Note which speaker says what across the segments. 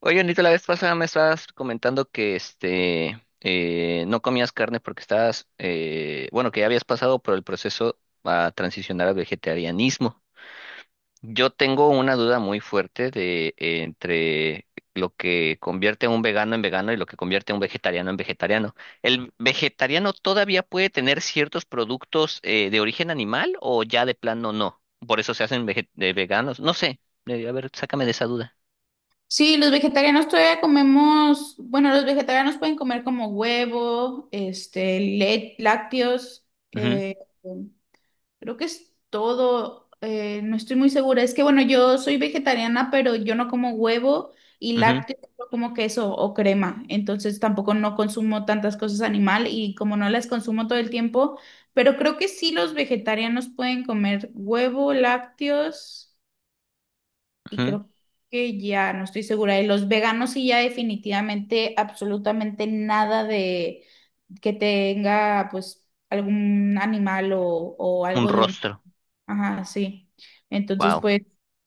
Speaker 1: Oye, Anita, la vez pasada me estabas comentando que no comías carne porque estabas, que ya habías pasado por el proceso a transicionar al vegetarianismo. Yo tengo una duda muy fuerte de entre lo que convierte a un vegano en vegano y lo que convierte a un vegetariano en vegetariano. ¿El vegetariano todavía puede tener ciertos productos de origen animal o ya de plano no? Por eso se hacen de veganos. No sé. A ver, sácame de esa duda.
Speaker 2: Sí, los vegetarianos todavía comemos, bueno, los vegetarianos pueden comer como huevo, lácteos,
Speaker 1: Ujú,
Speaker 2: creo que es todo, no estoy muy segura. Es que bueno, yo soy vegetariana, pero yo no como huevo y
Speaker 1: ujú,
Speaker 2: lácteos, solo como queso o crema, entonces tampoco no consumo tantas cosas animal y como no las consumo todo el tiempo, pero creo que sí los vegetarianos pueden comer huevo, lácteos y
Speaker 1: ujú.
Speaker 2: creo que ya no estoy segura. Y los veganos sí ya definitivamente, absolutamente nada de que tenga pues algún animal o
Speaker 1: Un
Speaker 2: algo de un...
Speaker 1: rostro.
Speaker 2: Ajá, sí. Entonces,
Speaker 1: Wow.
Speaker 2: pues,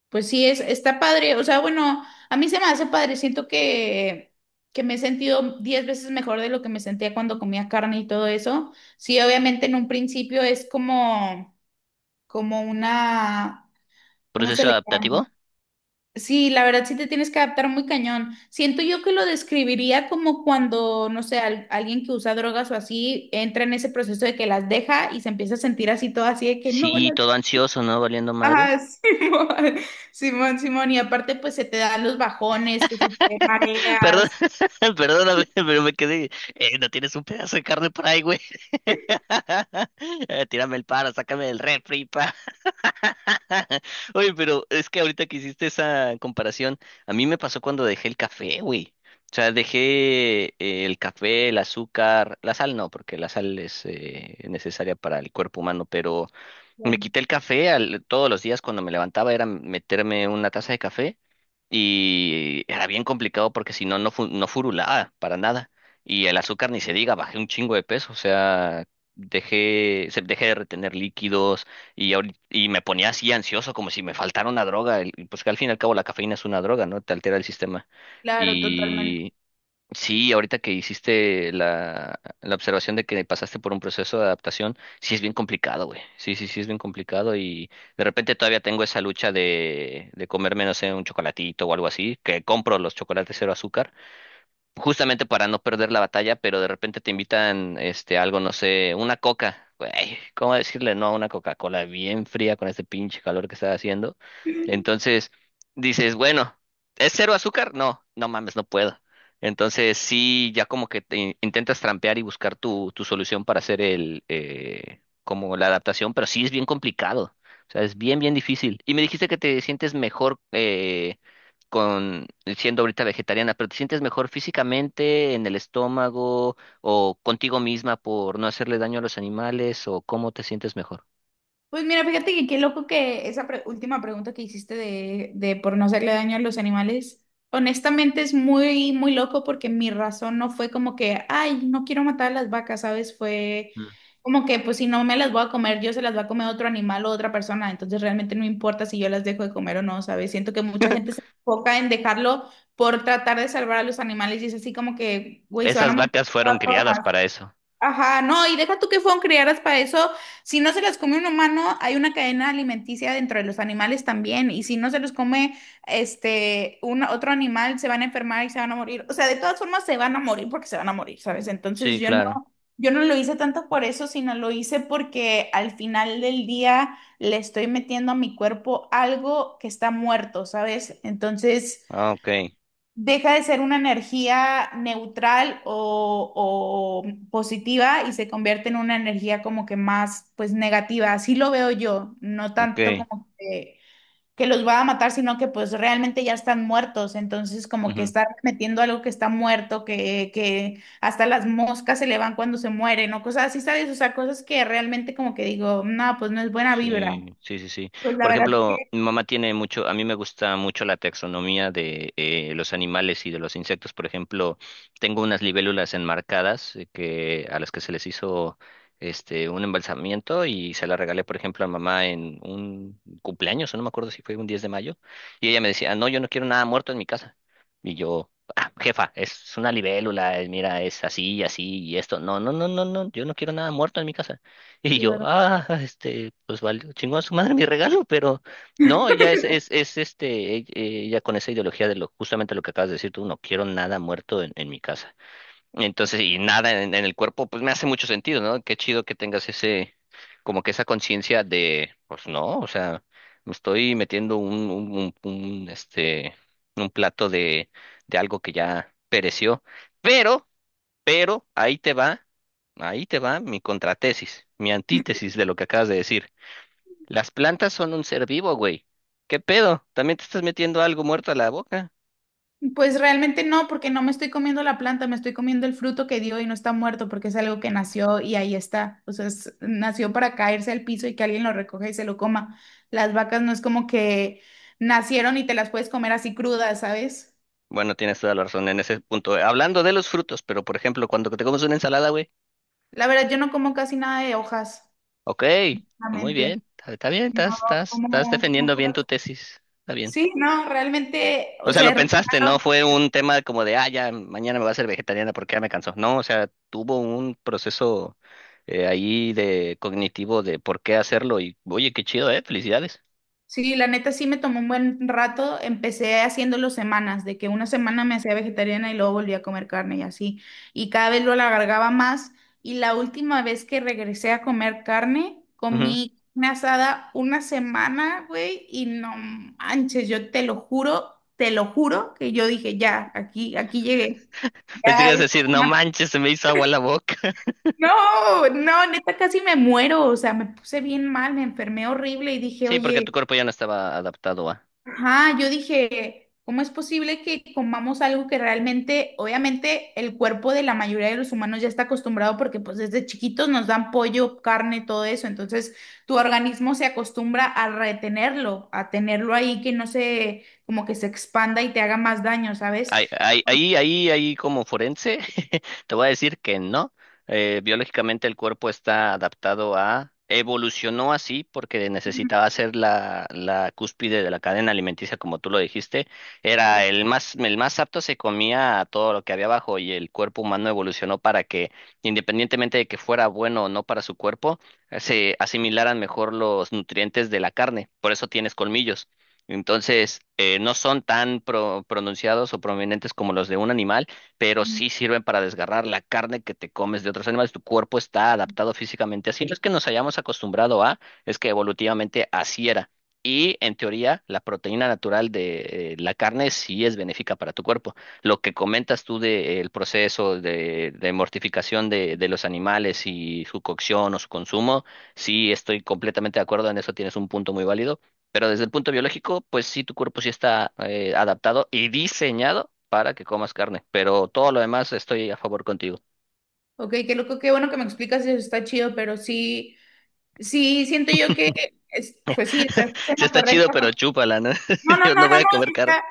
Speaker 2: pues sí, es, está padre. O sea, bueno, a mí se me hace padre. Siento que me he sentido 10 veces mejor de lo que me sentía cuando comía carne y todo eso. Sí, obviamente en un principio es como, como una... ¿Cómo se
Speaker 1: ¿Proceso
Speaker 2: le?
Speaker 1: adaptativo?
Speaker 2: Sí, la verdad sí te tienes que adaptar muy cañón. Siento yo que lo describiría como cuando, no sé, alguien que usa drogas o así entra en ese proceso de que las deja y se empieza a sentir así todo así de que no
Speaker 1: Sí,
Speaker 2: las...
Speaker 1: todo ansioso, ¿no? Valiendo
Speaker 2: Ah,
Speaker 1: madres.
Speaker 2: Simón, Simón, Simón. Y aparte pues se te dan los bajones, que si te
Speaker 1: Perdón,
Speaker 2: mareas.
Speaker 1: perdóname, pero me quedé. No tienes un pedazo de carne por ahí, güey. Tírame el paro, sácame del refri, pa. Oye, pero es que ahorita que hiciste esa comparación, a mí me pasó cuando dejé el café, güey. O sea, dejé el café, el azúcar, la sal no, porque la sal es necesaria para el cuerpo humano, pero me quité el café todos los días cuando me levantaba, era meterme una taza de café y era bien complicado porque si no, no, no furulaba para nada. Y el azúcar ni se diga, bajé un chingo de peso, o sea, dejé de retener líquidos y, y me ponía así ansioso como si me faltara una droga. Pues que al fin y al cabo la cafeína es una droga, ¿no? Te altera el sistema.
Speaker 2: Claro, totalmente.
Speaker 1: Sí, ahorita que hiciste la observación de que pasaste por un proceso de adaptación, sí es bien complicado, güey. Sí, sí, sí es bien complicado y de repente todavía tengo esa lucha de comerme, no sé, un chocolatito o algo así, que compro los chocolates cero azúcar justamente para no perder la batalla, pero de repente te invitan algo, no sé, una coca. Güey, ¿cómo decirle no a una Coca-Cola bien fría con este pinche calor que está haciendo? Entonces dices, bueno, ¿es cero azúcar? No, no mames, no puedo. Entonces sí, ya como que intentas trampear y buscar tu solución para hacer el como la adaptación, pero sí es bien complicado. O sea, es bien, bien difícil. Y me dijiste que te sientes mejor, con siendo ahorita vegetariana, pero ¿te sientes mejor físicamente, en el estómago o contigo misma por no hacerle daño a los animales o cómo te sientes mejor?
Speaker 2: Pues mira, fíjate que qué loco que esa última pregunta que hiciste de por no hacerle daño a los animales, honestamente es muy, muy loco porque mi razón no fue como que, ay, no quiero matar a las vacas, ¿sabes? Fue
Speaker 1: Mm.
Speaker 2: como que, pues si no me las voy a comer, yo se las va a comer otro animal o otra persona, entonces realmente no importa si yo las dejo de comer o no, ¿sabes? Siento que mucha gente se enfoca en dejarlo por tratar de salvar a los animales y es así como que, güey, se van a
Speaker 1: Esas
Speaker 2: morir de
Speaker 1: vacas
Speaker 2: todas
Speaker 1: fueron criadas
Speaker 2: formas.
Speaker 1: para eso.
Speaker 2: Ajá, no, y deja tú que fueron criadas para eso. Si no se las come un humano, hay una cadena alimenticia dentro de los animales también. Y si no se los come otro animal, se van a enfermar y se van a morir. O sea, de todas formas se van a morir porque se van a morir, ¿sabes? Entonces
Speaker 1: Sí,
Speaker 2: yo no,
Speaker 1: claro.
Speaker 2: yo no lo hice tanto por eso, sino lo hice porque al final del día le estoy metiendo a mi cuerpo algo que está muerto, ¿sabes? Entonces
Speaker 1: Ah, ok,
Speaker 2: deja de ser una energía neutral o positiva y se convierte en una energía como que más, pues, negativa. Así lo veo yo, no
Speaker 1: ok.
Speaker 2: tanto como que los va a matar, sino que pues realmente ya están muertos. Entonces, como que
Speaker 1: Ujú.
Speaker 2: estar metiendo algo que está muerto, que hasta las moscas se le van cuando se mueren o cosas así, ¿sabes? O sea, cosas que realmente como que digo, no, pues no es buena vibra.
Speaker 1: Sí, sí, sí, sí.
Speaker 2: Pues la
Speaker 1: Por
Speaker 2: verdad
Speaker 1: ejemplo,
Speaker 2: que...
Speaker 1: mi mamá tiene mucho, a mí me gusta mucho la taxonomía de los animales y de los insectos. Por ejemplo, tengo unas libélulas enmarcadas que a las que se les hizo un embalsamiento y se la regalé, por ejemplo, a mamá en un cumpleaños, o no me acuerdo si fue un 10 de mayo, y ella me decía, "No, yo no quiero nada muerto en mi casa." Y yo, "Ah, jefa, es una libélula, mira, es así, así y esto. No, no, no, no, no, yo no quiero nada muerto en mi casa." Y yo, ah, pues valió, chingó a su madre mi regalo, pero no, ella es este, e- e- ella con esa ideología de lo, justamente lo que acabas de decir tú, no quiero nada muerto en mi casa. Entonces, y nada en el cuerpo, pues me hace mucho sentido, ¿no? Qué chido que tengas ese, como que esa conciencia de, pues no, o sea, me estoy metiendo un, este, un plato de algo que ya pereció, pero pero ahí te va mi contratesis, mi antítesis de lo que acabas de decir. Las plantas son un ser vivo, güey. ¿Qué pedo? ¿También te estás metiendo algo muerto a la boca?
Speaker 2: Pues realmente no, porque no me estoy comiendo la planta, me estoy comiendo el fruto que dio y no está muerto porque es algo que nació y ahí está. O sea, nació para caerse al piso y que alguien lo recoja y se lo coma. Las vacas no es como que nacieron y te las puedes comer así crudas, ¿sabes?
Speaker 1: Bueno, tienes toda la razón en ese punto. Hablando de los frutos, pero por ejemplo, cuando te comes una ensalada, güey.
Speaker 2: La verdad, yo no como casi nada de hojas,
Speaker 1: Ok, muy bien,
Speaker 2: realmente.
Speaker 1: está bien,
Speaker 2: No,
Speaker 1: estás
Speaker 2: como, como...
Speaker 1: defendiendo bien tu tesis. Está bien.
Speaker 2: Sí, no, realmente,
Speaker 1: O
Speaker 2: o
Speaker 1: sea,
Speaker 2: sea,
Speaker 1: lo
Speaker 2: es raro.
Speaker 1: pensaste, no fue un tema como de, ah, ya mañana me voy a hacer vegetariana porque ya me cansó. No, o sea, tuvo un proceso ahí de cognitivo de por qué hacerlo y, oye, qué chido, ¿eh? Felicidades.
Speaker 2: Sí, la neta sí me tomó un buen rato. Empecé haciéndolo semanas, de que una semana me hacía vegetariana y luego volví a comer carne y así. Y cada vez lo alargaba más. Y la última vez que regresé a comer carne,
Speaker 1: Ujú.
Speaker 2: comí carne asada una semana, güey, y no manches, yo te lo juro que yo dije, ya, aquí, aquí llegué.
Speaker 1: Pensé que
Speaker 2: Ya,
Speaker 1: ibas a
Speaker 2: esta
Speaker 1: decir, no
Speaker 2: semana.
Speaker 1: manches, se me hizo agua la boca.
Speaker 2: No, no, neta casi me muero. O sea, me puse bien mal, me enfermé horrible y dije,
Speaker 1: Sí, porque tu
Speaker 2: oye.
Speaker 1: cuerpo ya no estaba adaptado a.
Speaker 2: Ajá, yo dije, ¿cómo es posible que comamos algo que realmente, obviamente, el cuerpo de la mayoría de los humanos ya está acostumbrado porque pues desde chiquitos nos dan pollo, carne, todo eso, entonces tu organismo se acostumbra a retenerlo, a tenerlo ahí que no se, como que se expanda y te haga más daño, ¿sabes?
Speaker 1: Ahí, ahí, ahí, ahí como forense, te voy a decir que no. Biológicamente el cuerpo está adaptado a, evolucionó así porque
Speaker 2: Mm,
Speaker 1: necesitaba ser la cúspide de la cadena alimenticia, como tú lo dijiste. Era
Speaker 2: claro.
Speaker 1: el más apto, se comía a todo lo que había abajo y el cuerpo humano evolucionó para que, independientemente de que fuera bueno o no para su cuerpo, se asimilaran mejor los nutrientes de la carne. Por eso tienes colmillos. Entonces, no son tan pronunciados o prominentes como los de un animal, pero
Speaker 2: Mm.
Speaker 1: sí sirven para desgarrar la carne que te comes de otros animales. Tu cuerpo está adaptado físicamente así. No es que nos hayamos acostumbrado a, es que evolutivamente así era. Y en teoría, la proteína natural de la carne sí es benéfica para tu cuerpo. Lo que comentas tú del proceso de mortificación de los animales y su cocción o su consumo, sí estoy completamente de acuerdo en eso, tienes un punto muy válido, pero desde el punto biológico, pues sí, tu cuerpo sí está adaptado y diseñado para que comas carne, pero todo lo demás estoy a favor contigo.
Speaker 2: Ok, qué loco, qué bueno que me explicas eso, está chido, pero sí, sí, siento yo que, pues sí, o sea, es
Speaker 1: Sí
Speaker 2: lo
Speaker 1: está chido,
Speaker 2: correcto.
Speaker 1: pero chúpala, ¿no?
Speaker 2: No, no,
Speaker 1: Yo no
Speaker 2: no,
Speaker 1: voy
Speaker 2: no,
Speaker 1: a
Speaker 2: no,
Speaker 1: comer
Speaker 2: sí
Speaker 1: carne.
Speaker 2: está.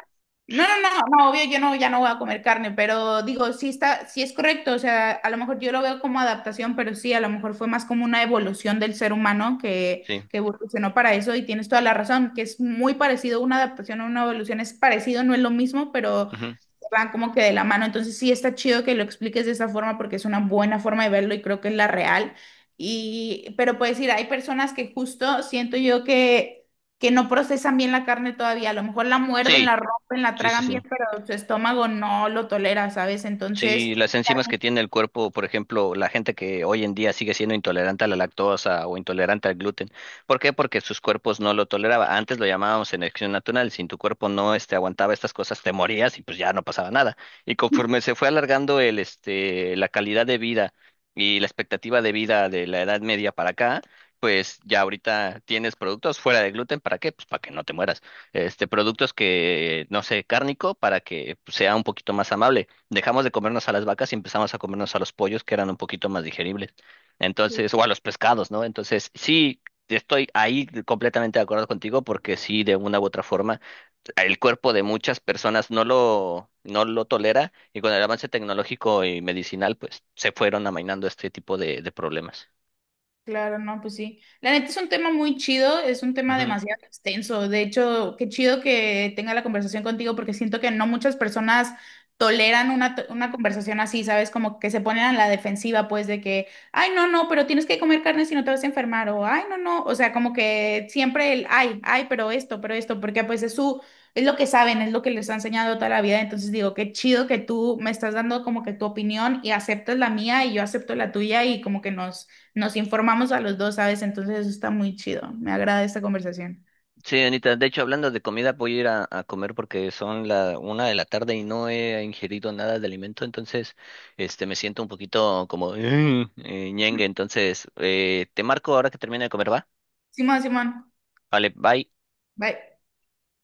Speaker 2: No, no, no, no, obvio, yo no, ya no voy a comer carne, pero digo, sí está, sí es correcto, o sea, a lo mejor yo lo veo como adaptación, pero sí, a lo mejor fue más como una evolución del ser humano
Speaker 1: Sí.
Speaker 2: que evolucionó para eso y tienes toda la razón, que es muy parecido, una adaptación a una evolución es parecido, no es lo mismo, pero
Speaker 1: Ujú.
Speaker 2: van como que de la mano. Entonces sí está chido que lo expliques de esa forma porque es una buena forma de verlo y creo que es la real. Y, pero puedes decir, hay personas que justo siento yo que no procesan bien la carne todavía. A lo mejor la muerden,
Speaker 1: Sí,
Speaker 2: la rompen, la
Speaker 1: sí, sí,
Speaker 2: tragan bien,
Speaker 1: sí.
Speaker 2: pero su estómago no lo tolera, ¿sabes?
Speaker 1: Sí,
Speaker 2: Entonces,
Speaker 1: las enzimas que tiene el cuerpo, por ejemplo, la gente que hoy en día sigue siendo intolerante a la lactosa o intolerante al gluten. ¿Por qué? Porque sus cuerpos no lo toleraba. Antes lo llamábamos selección natural. Si tu cuerpo no aguantaba estas cosas, te morías y pues ya no pasaba nada. Y conforme se fue alargando la calidad de vida y la expectativa de vida de la Edad Media para acá, pues ya ahorita tienes productos fuera de gluten. ¿Para qué? Pues para que no te mueras. Este, productos que, no sé, cárnico para que pues, sea un poquito más amable. Dejamos de comernos a las vacas y empezamos a comernos a los pollos, que eran un poquito más digeribles. Entonces, o a los pescados, ¿no? Entonces, sí, estoy ahí completamente de acuerdo contigo, porque sí, de una u otra forma, el cuerpo de muchas personas no lo tolera, y con el avance tecnológico y medicinal, pues se fueron amainando este tipo de problemas.
Speaker 2: claro, no, pues sí. La neta es un tema muy chido, es un tema
Speaker 1: Ujú.
Speaker 2: demasiado extenso. De hecho, qué chido que tenga la conversación contigo porque siento que no muchas personas toleran una, una conversación así, ¿sabes? Como que se ponen a la defensiva, pues, de que, ay, no, no, pero tienes que comer carne si no te vas a enfermar, o ay, no, no, o sea, como que siempre el, ay, ay, pero esto, porque pues es su, es lo que saben, es lo que les ha enseñado toda la vida. Entonces digo, qué chido que tú me estás dando como que tu opinión y aceptas la mía y yo acepto la tuya y como que nos nos informamos a los dos, ¿sabes? Entonces eso está muy chido. Me agrada esta conversación.
Speaker 1: Sí, Anita, de hecho, hablando de comida, voy a ir a comer porque son la una de la tarde y no he ingerido nada de alimento, entonces me siento un poquito como ñengue, entonces te marco ahora que termine de comer, ¿va?
Speaker 2: Simón, Simón,
Speaker 1: Vale, bye.
Speaker 2: bye.